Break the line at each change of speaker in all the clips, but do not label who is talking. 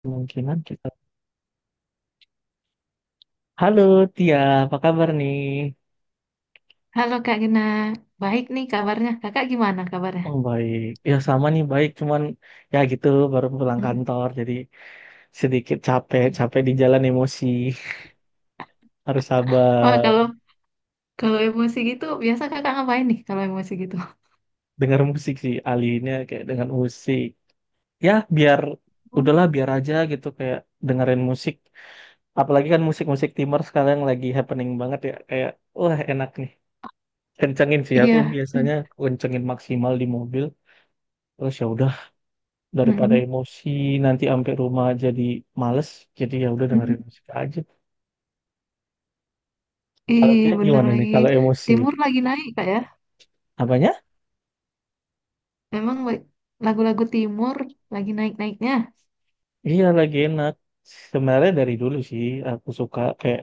Kemungkinan kita. Halo Tia, apa kabar nih?
Halo Kak Gena, baik nih kabarnya. Kakak gimana kabarnya?
Oh baik, ya sama nih baik, cuman ya gitu baru pulang
Hmm.
kantor jadi sedikit capek, capek di jalan emosi. Harus
Wah
sabar.
kalau kalau emosi gitu, biasa kakak ngapain nih kalau emosi gitu?
Dengar musik sih alinya kayak dengan musik. Ya biar
Oh.
udahlah biar aja gitu kayak dengerin musik. Apalagi kan musik-musik timur sekarang lagi happening banget ya kayak wah enak nih. Kencengin sih aku
Iya,
biasanya kencengin maksimal di mobil. Terus ya udah daripada
mm-mm,
emosi nanti sampai rumah jadi males, jadi ya udah
mm-mm.
dengerin musik aja. Kalau
Ih
dia
bener
gimana nih
lagi.
kalau emosi
Timur lagi naik Kak ya.
apanya?
Emang lagu-lagu Timur lagi naik-naiknya.
Iya lagi enak, sebenarnya dari dulu sih aku suka kayak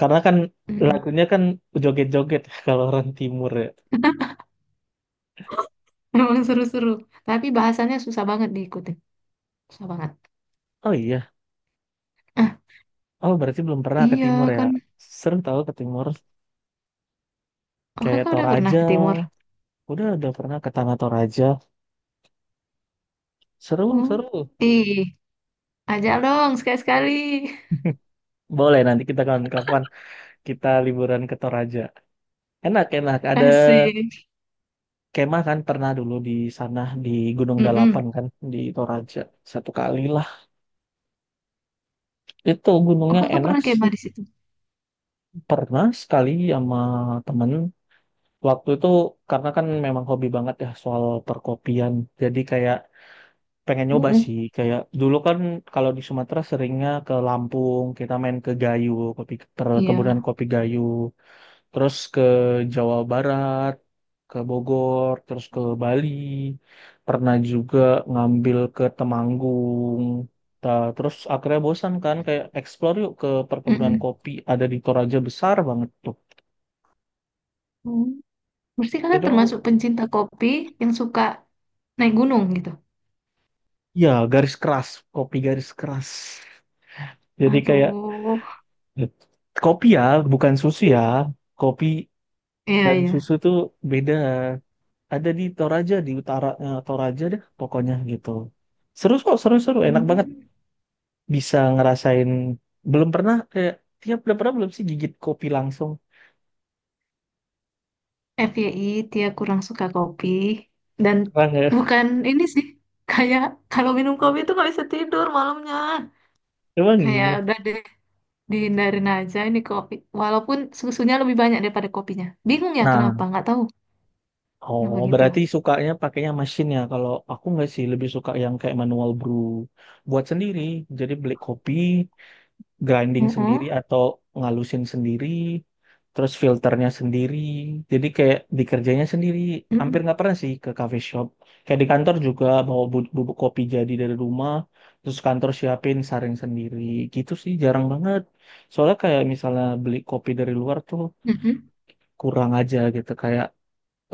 karena kan
Mm-mm.
lagunya kan joget-joget. Kalau orang timur ya,
Emang seru-seru. Tapi bahasannya susah banget diikuti. Susah banget.
oh iya,
Ah,
oh berarti belum pernah ke
iya
timur ya.
kan.
Seru tahu ke timur
Oh
kayak
kakak udah pernah
Toraja,
ke Timur?
udah pernah ke Tanah Toraja. Seru
Hmm.
seru.
Ih, ajak dong sekali-sekali.
Boleh nanti kita kapan-kapan kita liburan ke Toraja, enak enak ada
Asik.
kemah kan pernah dulu di sana di Gunung Dalapan
Mm-mm.
kan di Toraja satu kali lah. Itu
Oh,
gunungnya
kakak
enak
pernah
sih,
kemah di situ?
pernah sekali sama temen waktu itu karena kan memang hobi banget ya soal perkopian, jadi kayak pengen nyoba
Mm-mm.
sih kayak dulu kan. Kalau di Sumatera seringnya ke Lampung, kita main ke Gayo, kopi, perkebunan
Iya.
kopi Gayo. Terus ke Jawa Barat, ke Bogor, terus ke Bali, pernah juga ngambil ke Temanggung. Ta- Terus akhirnya bosan kan kayak explore yuk ke perkebunan
Mm-mm.
kopi ada di Toraja besar banget tuh.
Hmm. Berarti kakak
Itu
termasuk pencinta kopi yang suka naik gunung gitu?
ya garis keras, kopi garis keras. Jadi kayak
Aduh.
kopi ya, bukan susu ya. Kopi
Iya,
dan susu
iya.
tuh beda. Ada di Toraja di utara, eh, Toraja deh pokoknya gitu. Seru kok, seru-seru, enak banget.
Hmm.
Bisa ngerasain belum pernah kayak tiap udah pernah belum sih gigit kopi langsung
FYI, dia kurang suka kopi. Dan
pernah nggak.
bukan ini sih. Kayak kalau minum kopi itu nggak bisa tidur malamnya.
Emang
Kayak
iya.
udah deh, dihindarin aja ini kopi. Walaupun susunya lebih banyak daripada kopinya. Bingung ya kenapa,
Nah,
nggak tahu. Kenapa
oh
gitu.
berarti sukanya pakainya mesin ya. Kalau aku nggak sih, lebih suka yang kayak manual brew, buat sendiri. Jadi beli kopi, grinding sendiri
Mm-mm,
atau ngalusin sendiri, terus filternya sendiri. Jadi kayak dikerjanya sendiri, hampir
mm-mm,
nggak pernah sih ke cafe shop. Kayak di kantor juga bawa bubuk kopi jadi dari rumah, terus kantor siapin saring sendiri. Gitu sih jarang banget. Soalnya kayak misalnya beli kopi dari luar tuh
mm-mm,
kurang aja gitu kayak.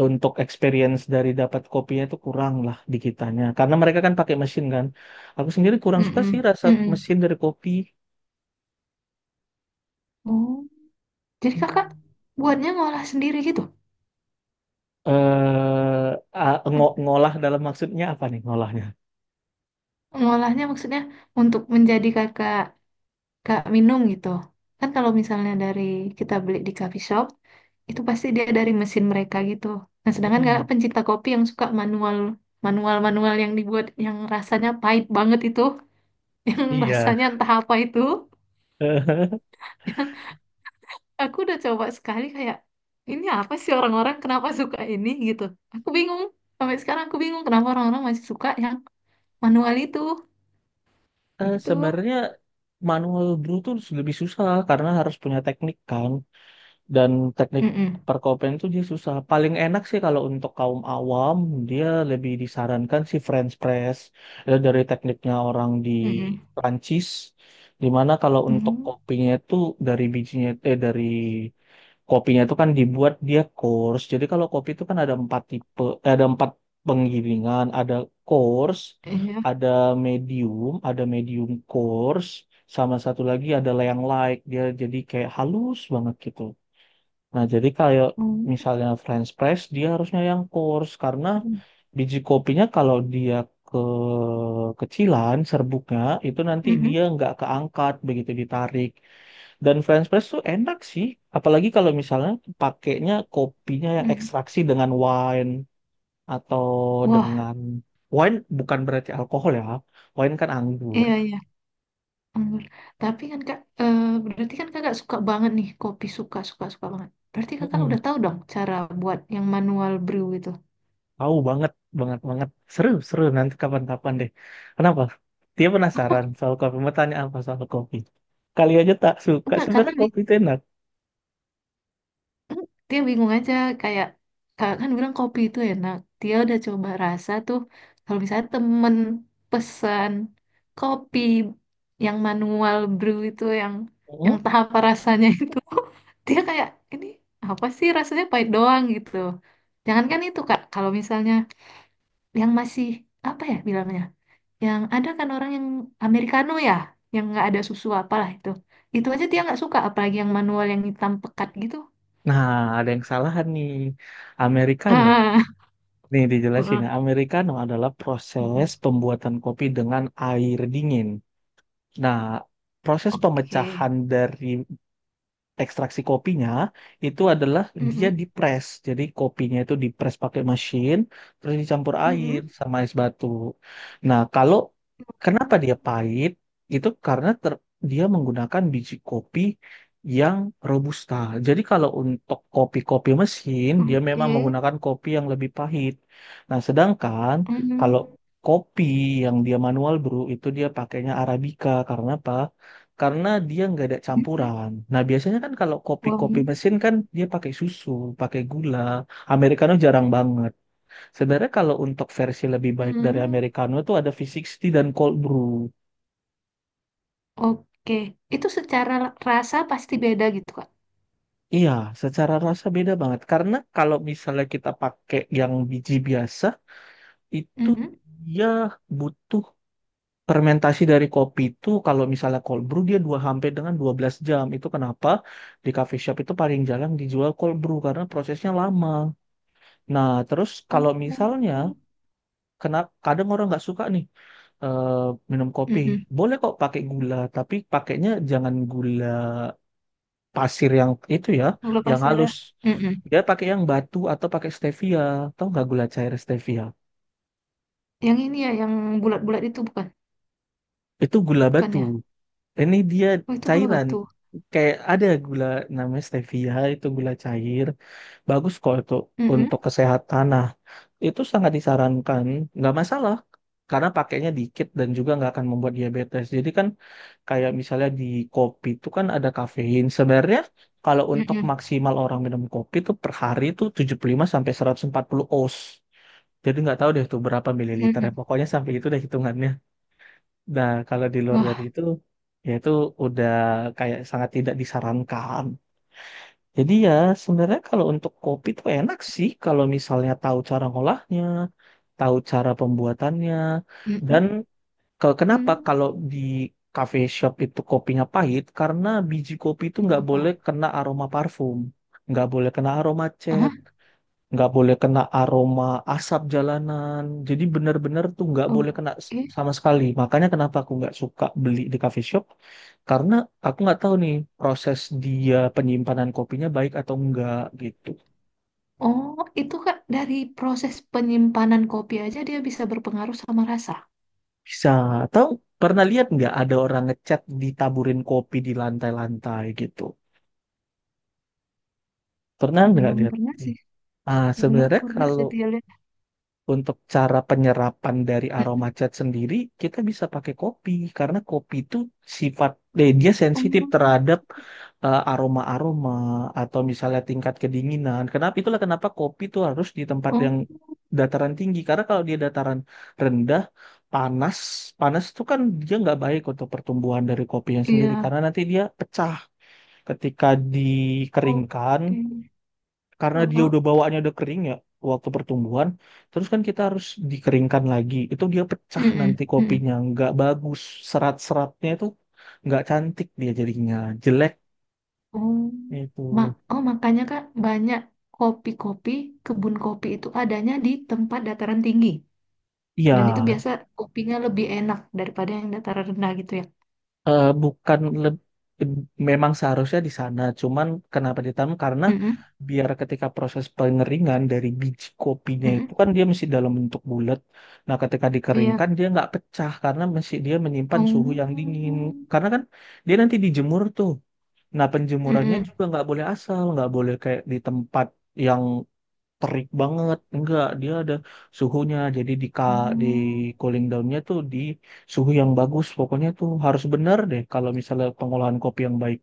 Untuk experience dari dapat kopinya tuh kurang lah di kitanya, karena mereka kan pakai mesin kan. Aku sendiri kurang suka sih
mm-mm,
rasa
mm-mm.
mesin dari kopi.
Oh, jadi kakak buatnya ngolah sendiri gitu?
Eh, a, ngo
M-
ngolah dalam maksudnya apa nih ngolahnya?
Ngolahnya maksudnya untuk menjadi kakak kak minum gitu. Kan kalau misalnya dari kita beli di coffee shop, itu pasti dia dari mesin mereka gitu. Nah, sedangkan kakak
Mhm.
pencinta kopi yang suka manual manual manual yang dibuat yang rasanya pahit banget itu, yang
Iya.
rasanya entah apa itu. Aku udah coba sekali kayak ini apa sih orang-orang kenapa suka ini gitu. Aku bingung. Sampai sekarang aku bingung kenapa orang-orang masih suka yang manual itu. Gitu.
Sebenarnya manual brew tuh lebih susah karena harus punya teknik kan, dan teknik
Mm-mm.
perkopian tuh dia susah. Paling enak sih kalau untuk kaum awam dia lebih disarankan si French press, dari tekniknya orang di
Mm-mm.
Prancis, dimana kalau untuk
Mm.
kopinya itu dari bijinya, eh, dari kopinya itu kan dibuat dia coarse. Jadi kalau kopi itu kan ada empat tipe, eh, ada empat penggilingan, ada coarse,
Iya.
ada ada medium coarse, sama satu lagi adalah yang light. Dia jadi kayak halus banget gitu. Nah, jadi kayak
Mm.
misalnya French press, dia harusnya yang coarse karena biji kopinya kalau dia ke kecilan serbuknya itu nanti
Mm-mm.
dia nggak keangkat begitu ditarik. Dan French press tuh enak sih, apalagi kalau misalnya pakainya kopinya yang
Mm.
ekstraksi dengan wine atau
Wah,
dengan wine, bukan berarti alkohol ya, wine kan anggur.
iya, iya. Anggur. Tapi kan Kak, eh, berarti kan Kakak suka banget nih kopi suka suka suka banget. Berarti Kakak udah
Mm-mm.
tahu dong cara buat yang manual brew itu.
Tahu banget, banget banget. Seru, seru nanti kapan-kapan deh. Kenapa? Dia penasaran soal kopi, mau tanya apa soal kopi. Kali aja tak suka,
Enggak, karena
sebenarnya kopi itu enak.
dia bingung aja kayak kakak kan bilang kopi itu enak, dia udah coba rasa tuh kalau misalnya temen pesan kopi yang manual brew itu yang
Mm-mm.
tahap rasanya itu dia kayak ini apa sih rasanya pahit doang gitu. Jangankan itu kak, kalau misalnya yang masih apa ya bilangnya, yang ada kan orang yang americano ya yang nggak ada susu apalah itu aja dia nggak suka apalagi yang manual yang hitam pekat gitu.
Nah, ada yang salahan nih. Americano.
Ah,
Nih dijelasin ya, Americano adalah proses
mm-mm.
pembuatan kopi dengan air dingin. Nah, proses
Oke.
pemecahan dari ekstraksi kopinya itu adalah dia
Mm-mm,
dipres. Jadi kopinya itu dipres pakai mesin, terus dicampur air
mm-mm.
sama es batu. Nah, kalau kenapa dia
Mm.
pahit? Itu karena dia menggunakan biji kopi yang robusta. Jadi kalau untuk kopi-kopi mesin, dia memang
Oke.
menggunakan kopi yang lebih pahit. Nah, sedangkan kalau
Mm.
kopi yang dia manual brew itu dia pakainya Arabica karena apa? Karena dia nggak ada
Mm-mm.
campuran. Nah, biasanya kan kalau kopi-kopi
Long.
mesin kan dia pakai susu, pakai gula. Americano jarang banget. Sebenarnya kalau untuk versi lebih baik dari
Mm.
Americano itu ada V60 dan cold brew.
Oke. Itu secara rasa pasti beda gitu, Kak.
Iya, secara rasa beda banget. Karena kalau misalnya kita pakai yang biji biasa, itu
Mm-mm.
dia butuh fermentasi dari kopi itu. Kalau misalnya cold brew dia dua, hampir dengan 12 jam. Itu kenapa di coffee shop itu paling jarang dijual cold brew karena prosesnya lama. Nah, terus
Oh.
kalau misalnya kena kadang orang nggak suka nih, eh, minum kopi,
Mm-mm.
boleh kok pakai gula, tapi pakainya jangan gula pasir yang itu ya,
Gula
yang
pasir ya.
halus.
Mm-mm.
Dia pakai yang batu atau pakai stevia, tahu nggak gula cair stevia?
Yang ini ya, yang bulat-bulat itu bukan?
Itu gula
Bukan
batu.
ya?
Ini dia
Oh, itu gula
cairan.
batu.
Kayak ada gula namanya stevia, itu gula cair. Bagus kok itu
Mm-mm,
untuk kesehatan. Nah, itu sangat disarankan, nggak masalah karena pakainya dikit dan juga nggak akan membuat diabetes. Jadi kan kayak misalnya di kopi itu kan ada kafein. Sebenarnya kalau untuk
mm-mm,
maksimal orang minum kopi itu per hari itu 75 sampai 140 oz. Jadi nggak tahu deh tuh berapa mililiter ya.
mm-mm.
Pokoknya sampai itu deh hitungannya. Nah, kalau di luar
Wah.
dari itu ya itu udah kayak sangat tidak disarankan. Jadi ya sebenarnya kalau untuk kopi tuh enak sih kalau misalnya tahu cara ngolahnya, tahu cara pembuatannya, dan
Mm-mm.
kenapa
Mm.
kalau di cafe shop itu kopinya pahit karena biji kopi itu nggak boleh
Kenapa?
kena aroma parfum, nggak boleh kena aroma
Ah,
cat, nggak boleh kena aroma asap jalanan. Jadi benar-benar tuh nggak boleh kena
oke.
sama sekali. Makanya kenapa aku nggak suka beli di coffee shop, karena aku nggak tahu nih proses dia penyimpanan kopinya baik atau enggak gitu.
Oh, itu Kak, dari proses penyimpanan kopi aja dia bisa berpengaruh sama rasa.
Bisa tahu, pernah lihat nggak ada orang ngecat ditaburin kopi di lantai-lantai gitu? Pernah nggak
Belum
lihat?
pernah sih,
Ah,
belum
sebenarnya
pernah sih
kalau
dia lihat.
untuk cara penyerapan dari aroma
Mhm.
cat sendiri, kita bisa pakai kopi karena kopi itu sifat, eh, dia sensitif
Oh,
terhadap, eh, aroma-aroma atau misalnya tingkat kedinginan. Kenapa itulah kenapa kopi itu harus di tempat
oh,
yang dataran tinggi karena kalau dia dataran rendah panas, panas itu kan dia nggak baik untuk pertumbuhan dari kopinya sendiri
iya,
karena nanti dia pecah ketika dikeringkan
oke.
karena
Oh,
dia
oh.
udah bawaannya udah kering ya waktu pertumbuhan. Terus kan kita harus dikeringkan lagi, itu dia pecah
Mm.
nanti kopinya nggak bagus, serat-seratnya itu nggak cantik, dia jadinya jelek
Oh,
itu.
Oh, makanya Kak, banyak kopi-kopi, kebun kopi itu adanya di tempat dataran tinggi.
Iya,
Dan itu biasa kopinya lebih enak daripada yang dataran rendah gitu ya.
eh, bukan memang seharusnya di sana, cuman kenapa ditanam? Karena
Mm-mm,
biar ketika proses pengeringan dari biji kopinya itu
mm-mm.
kan dia masih dalam bentuk bulat. Nah, ketika
Iya.
dikeringkan dia nggak pecah karena masih dia menyimpan suhu yang dingin.
Oh.
Karena kan dia nanti dijemur tuh. Nah, penjemurannya
Mm-mm.
juga nggak boleh asal, nggak boleh kayak di tempat yang terik banget, enggak, dia ada suhunya, jadi di ka, di
Oh.
cooling downnya tuh di suhu yang bagus, pokoknya tuh harus bener deh kalau misalnya pengolahan kopi yang baik.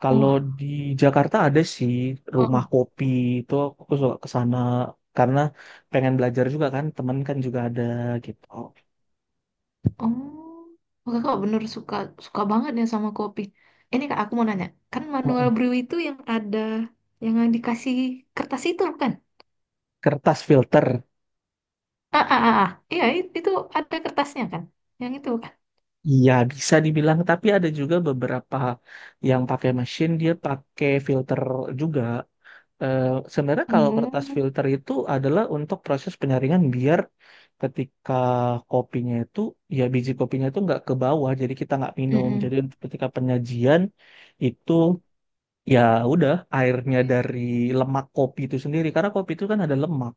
Kalau
Oh,
di Jakarta ada sih rumah
oh,
kopi itu, aku suka ke sana karena pengen belajar juga kan, temen kan juga ada gitu.
oh. Oh, kakak bener suka suka banget ya sama kopi. Ini kak, aku mau nanya, kan manual
Mm-mm.
brew itu yang dikasih kertas itu bukan?
Kertas filter.
Ah, ah, ah, ah. Iya itu ada kertasnya kan? Yang itu bukan?
Iya bisa dibilang, tapi ada juga beberapa yang pakai mesin dia pakai filter juga. Eh, sebenarnya kalau kertas
Oh,
filter itu adalah untuk proses penyaringan biar ketika kopinya itu ya biji kopinya itu nggak ke bawah jadi kita nggak minum,
mm-mm.
jadi untuk ketika penyajian itu ya udah airnya dari lemak kopi itu sendiri karena kopi itu kan ada lemak.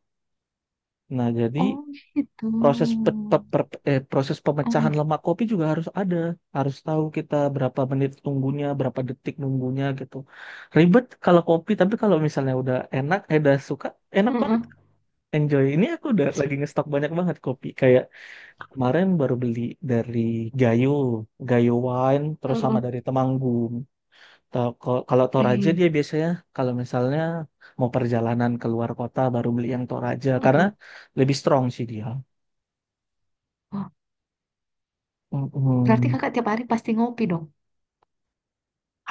Nah, jadi
Oh gitu.
proses eh, proses pemecahan
Oh,
lemak kopi juga harus ada, harus tahu kita berapa menit nunggunya berapa detik nunggunya gitu. Ribet kalau kopi, tapi kalau misalnya udah enak, eh, udah suka, enak
mm-mm.
banget, enjoy. Ini aku udah lagi ngestok banyak banget kopi kayak kemarin baru beli dari Gayo, Gayo Wine terus sama
Mm-mm.
dari Temanggung. Kalau Toraja
Ih,
dia biasanya kalau misalnya mau perjalanan keluar kota baru beli yang Toraja karena
mm-mm.
lebih strong sih dia.
Wah, berarti
Mm-mm.
kakak tiap hari pasti ngopi dong?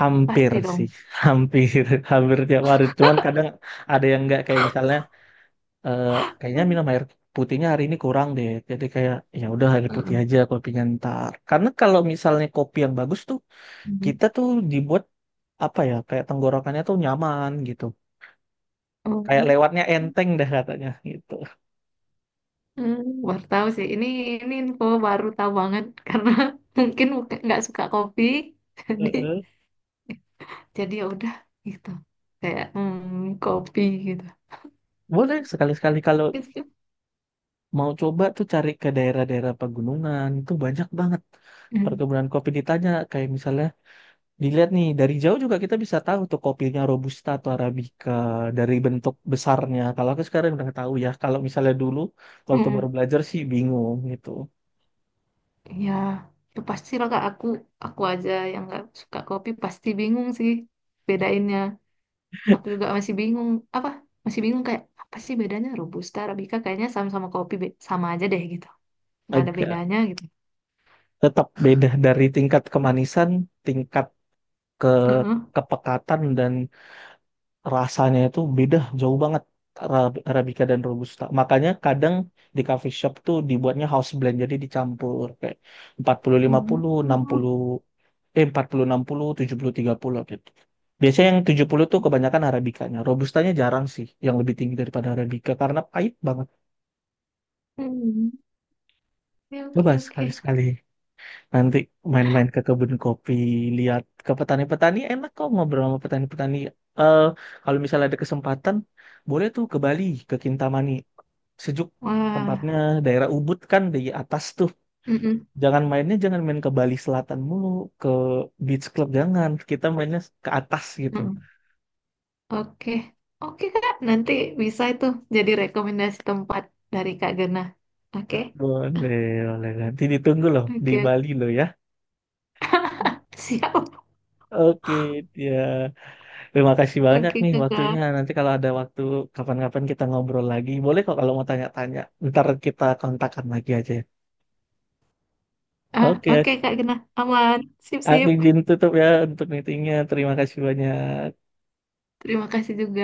Hampir
Pasti dong.
sih, hampir, hampir tiap hari. Cuman kadang ada yang nggak kayak misalnya, eh, kayaknya minum air putihnya hari ini kurang deh. Jadi kayak ya udah air putih
Mm-mm,
aja kopinya ntar. Karena kalau misalnya kopi yang bagus tuh,
mm-mm.
kita tuh dibuat apa ya, kayak tenggorokannya tuh nyaman gitu. Kayak
Oh.
lewatnya enteng dah katanya gitu.
Hmm, baru tahu sih. Ini info baru tahu banget karena mungkin nggak suka kopi, jadi
Heeh.
jadi ya udah gitu. Kayak hmm, kopi gitu.
Boleh sekali-sekali kalau
Gitu.
mau coba tuh cari ke daerah-daerah pegunungan, itu banyak banget
Hmm.
perkebunan kopi ditanya kayak misalnya dilihat nih dari jauh juga kita bisa tahu tuh kopinya robusta atau arabica dari bentuk besarnya. Kalau aku sekarang udah tahu ya. Kalau misalnya dulu waktu
Hmm.
baru belajar sih bingung gitu.
Ya, ya pasti lah Kak. Aku aja yang nggak suka kopi pasti bingung sih bedainnya. Aku juga masih bingung. Apa? Masih bingung kayak apa sih bedanya Robusta, Arabica, kayaknya sama aja deh gitu. Nggak ada
Agak
bedanya gitu.
tetap beda dari tingkat kemanisan, tingkat ke
Heeh.
kepekatan dan rasanya itu beda jauh banget. Arabica dan robusta. Makanya kadang di coffee shop tuh dibuatnya house blend jadi dicampur kayak empat puluh lima
Hmm.
puluh enam puluh, eh, empat puluh puluh enam puluh, tujuh puluh tiga puluh gitu. Biasanya yang 70 tuh kebanyakan arabikanya. Robustanya jarang sih yang lebih tinggi daripada arabica karena pahit banget.
Hmm. Oke,
Coba
oke, oke.
sekali-sekali nanti main-main ke kebun kopi, lihat ke petani-petani enak kok ngobrol sama petani-petani. Eh kalau misalnya ada kesempatan, boleh tuh ke Bali, ke Kintamani. Sejuk
Wah,
tempatnya daerah Ubud kan di atas tuh.
mm-mm,
Jangan mainnya jangan main ke Bali Selatan mulu, ke beach club jangan. Kita mainnya ke atas gitu.
mm-mm. Oke, Oke Kak, nanti bisa itu jadi rekomendasi tempat dari Kak Gena. Oke,
Boleh, boleh. Nanti ditunggu loh di
oke,
Bali loh ya.
siap.
Oke, ya. Terima kasih banyak
Oke
nih
Kakak,
waktunya. Nanti kalau ada waktu kapan-kapan kita ngobrol lagi. Boleh kok kalau mau tanya-tanya. Ntar kita kontakkan lagi aja ya.
ah,
Oke,
oke Kak Gena, aman, sip
aku
sip.
izin tutup ya untuk meetingnya. Terima kasih banyak.
Terima kasih juga.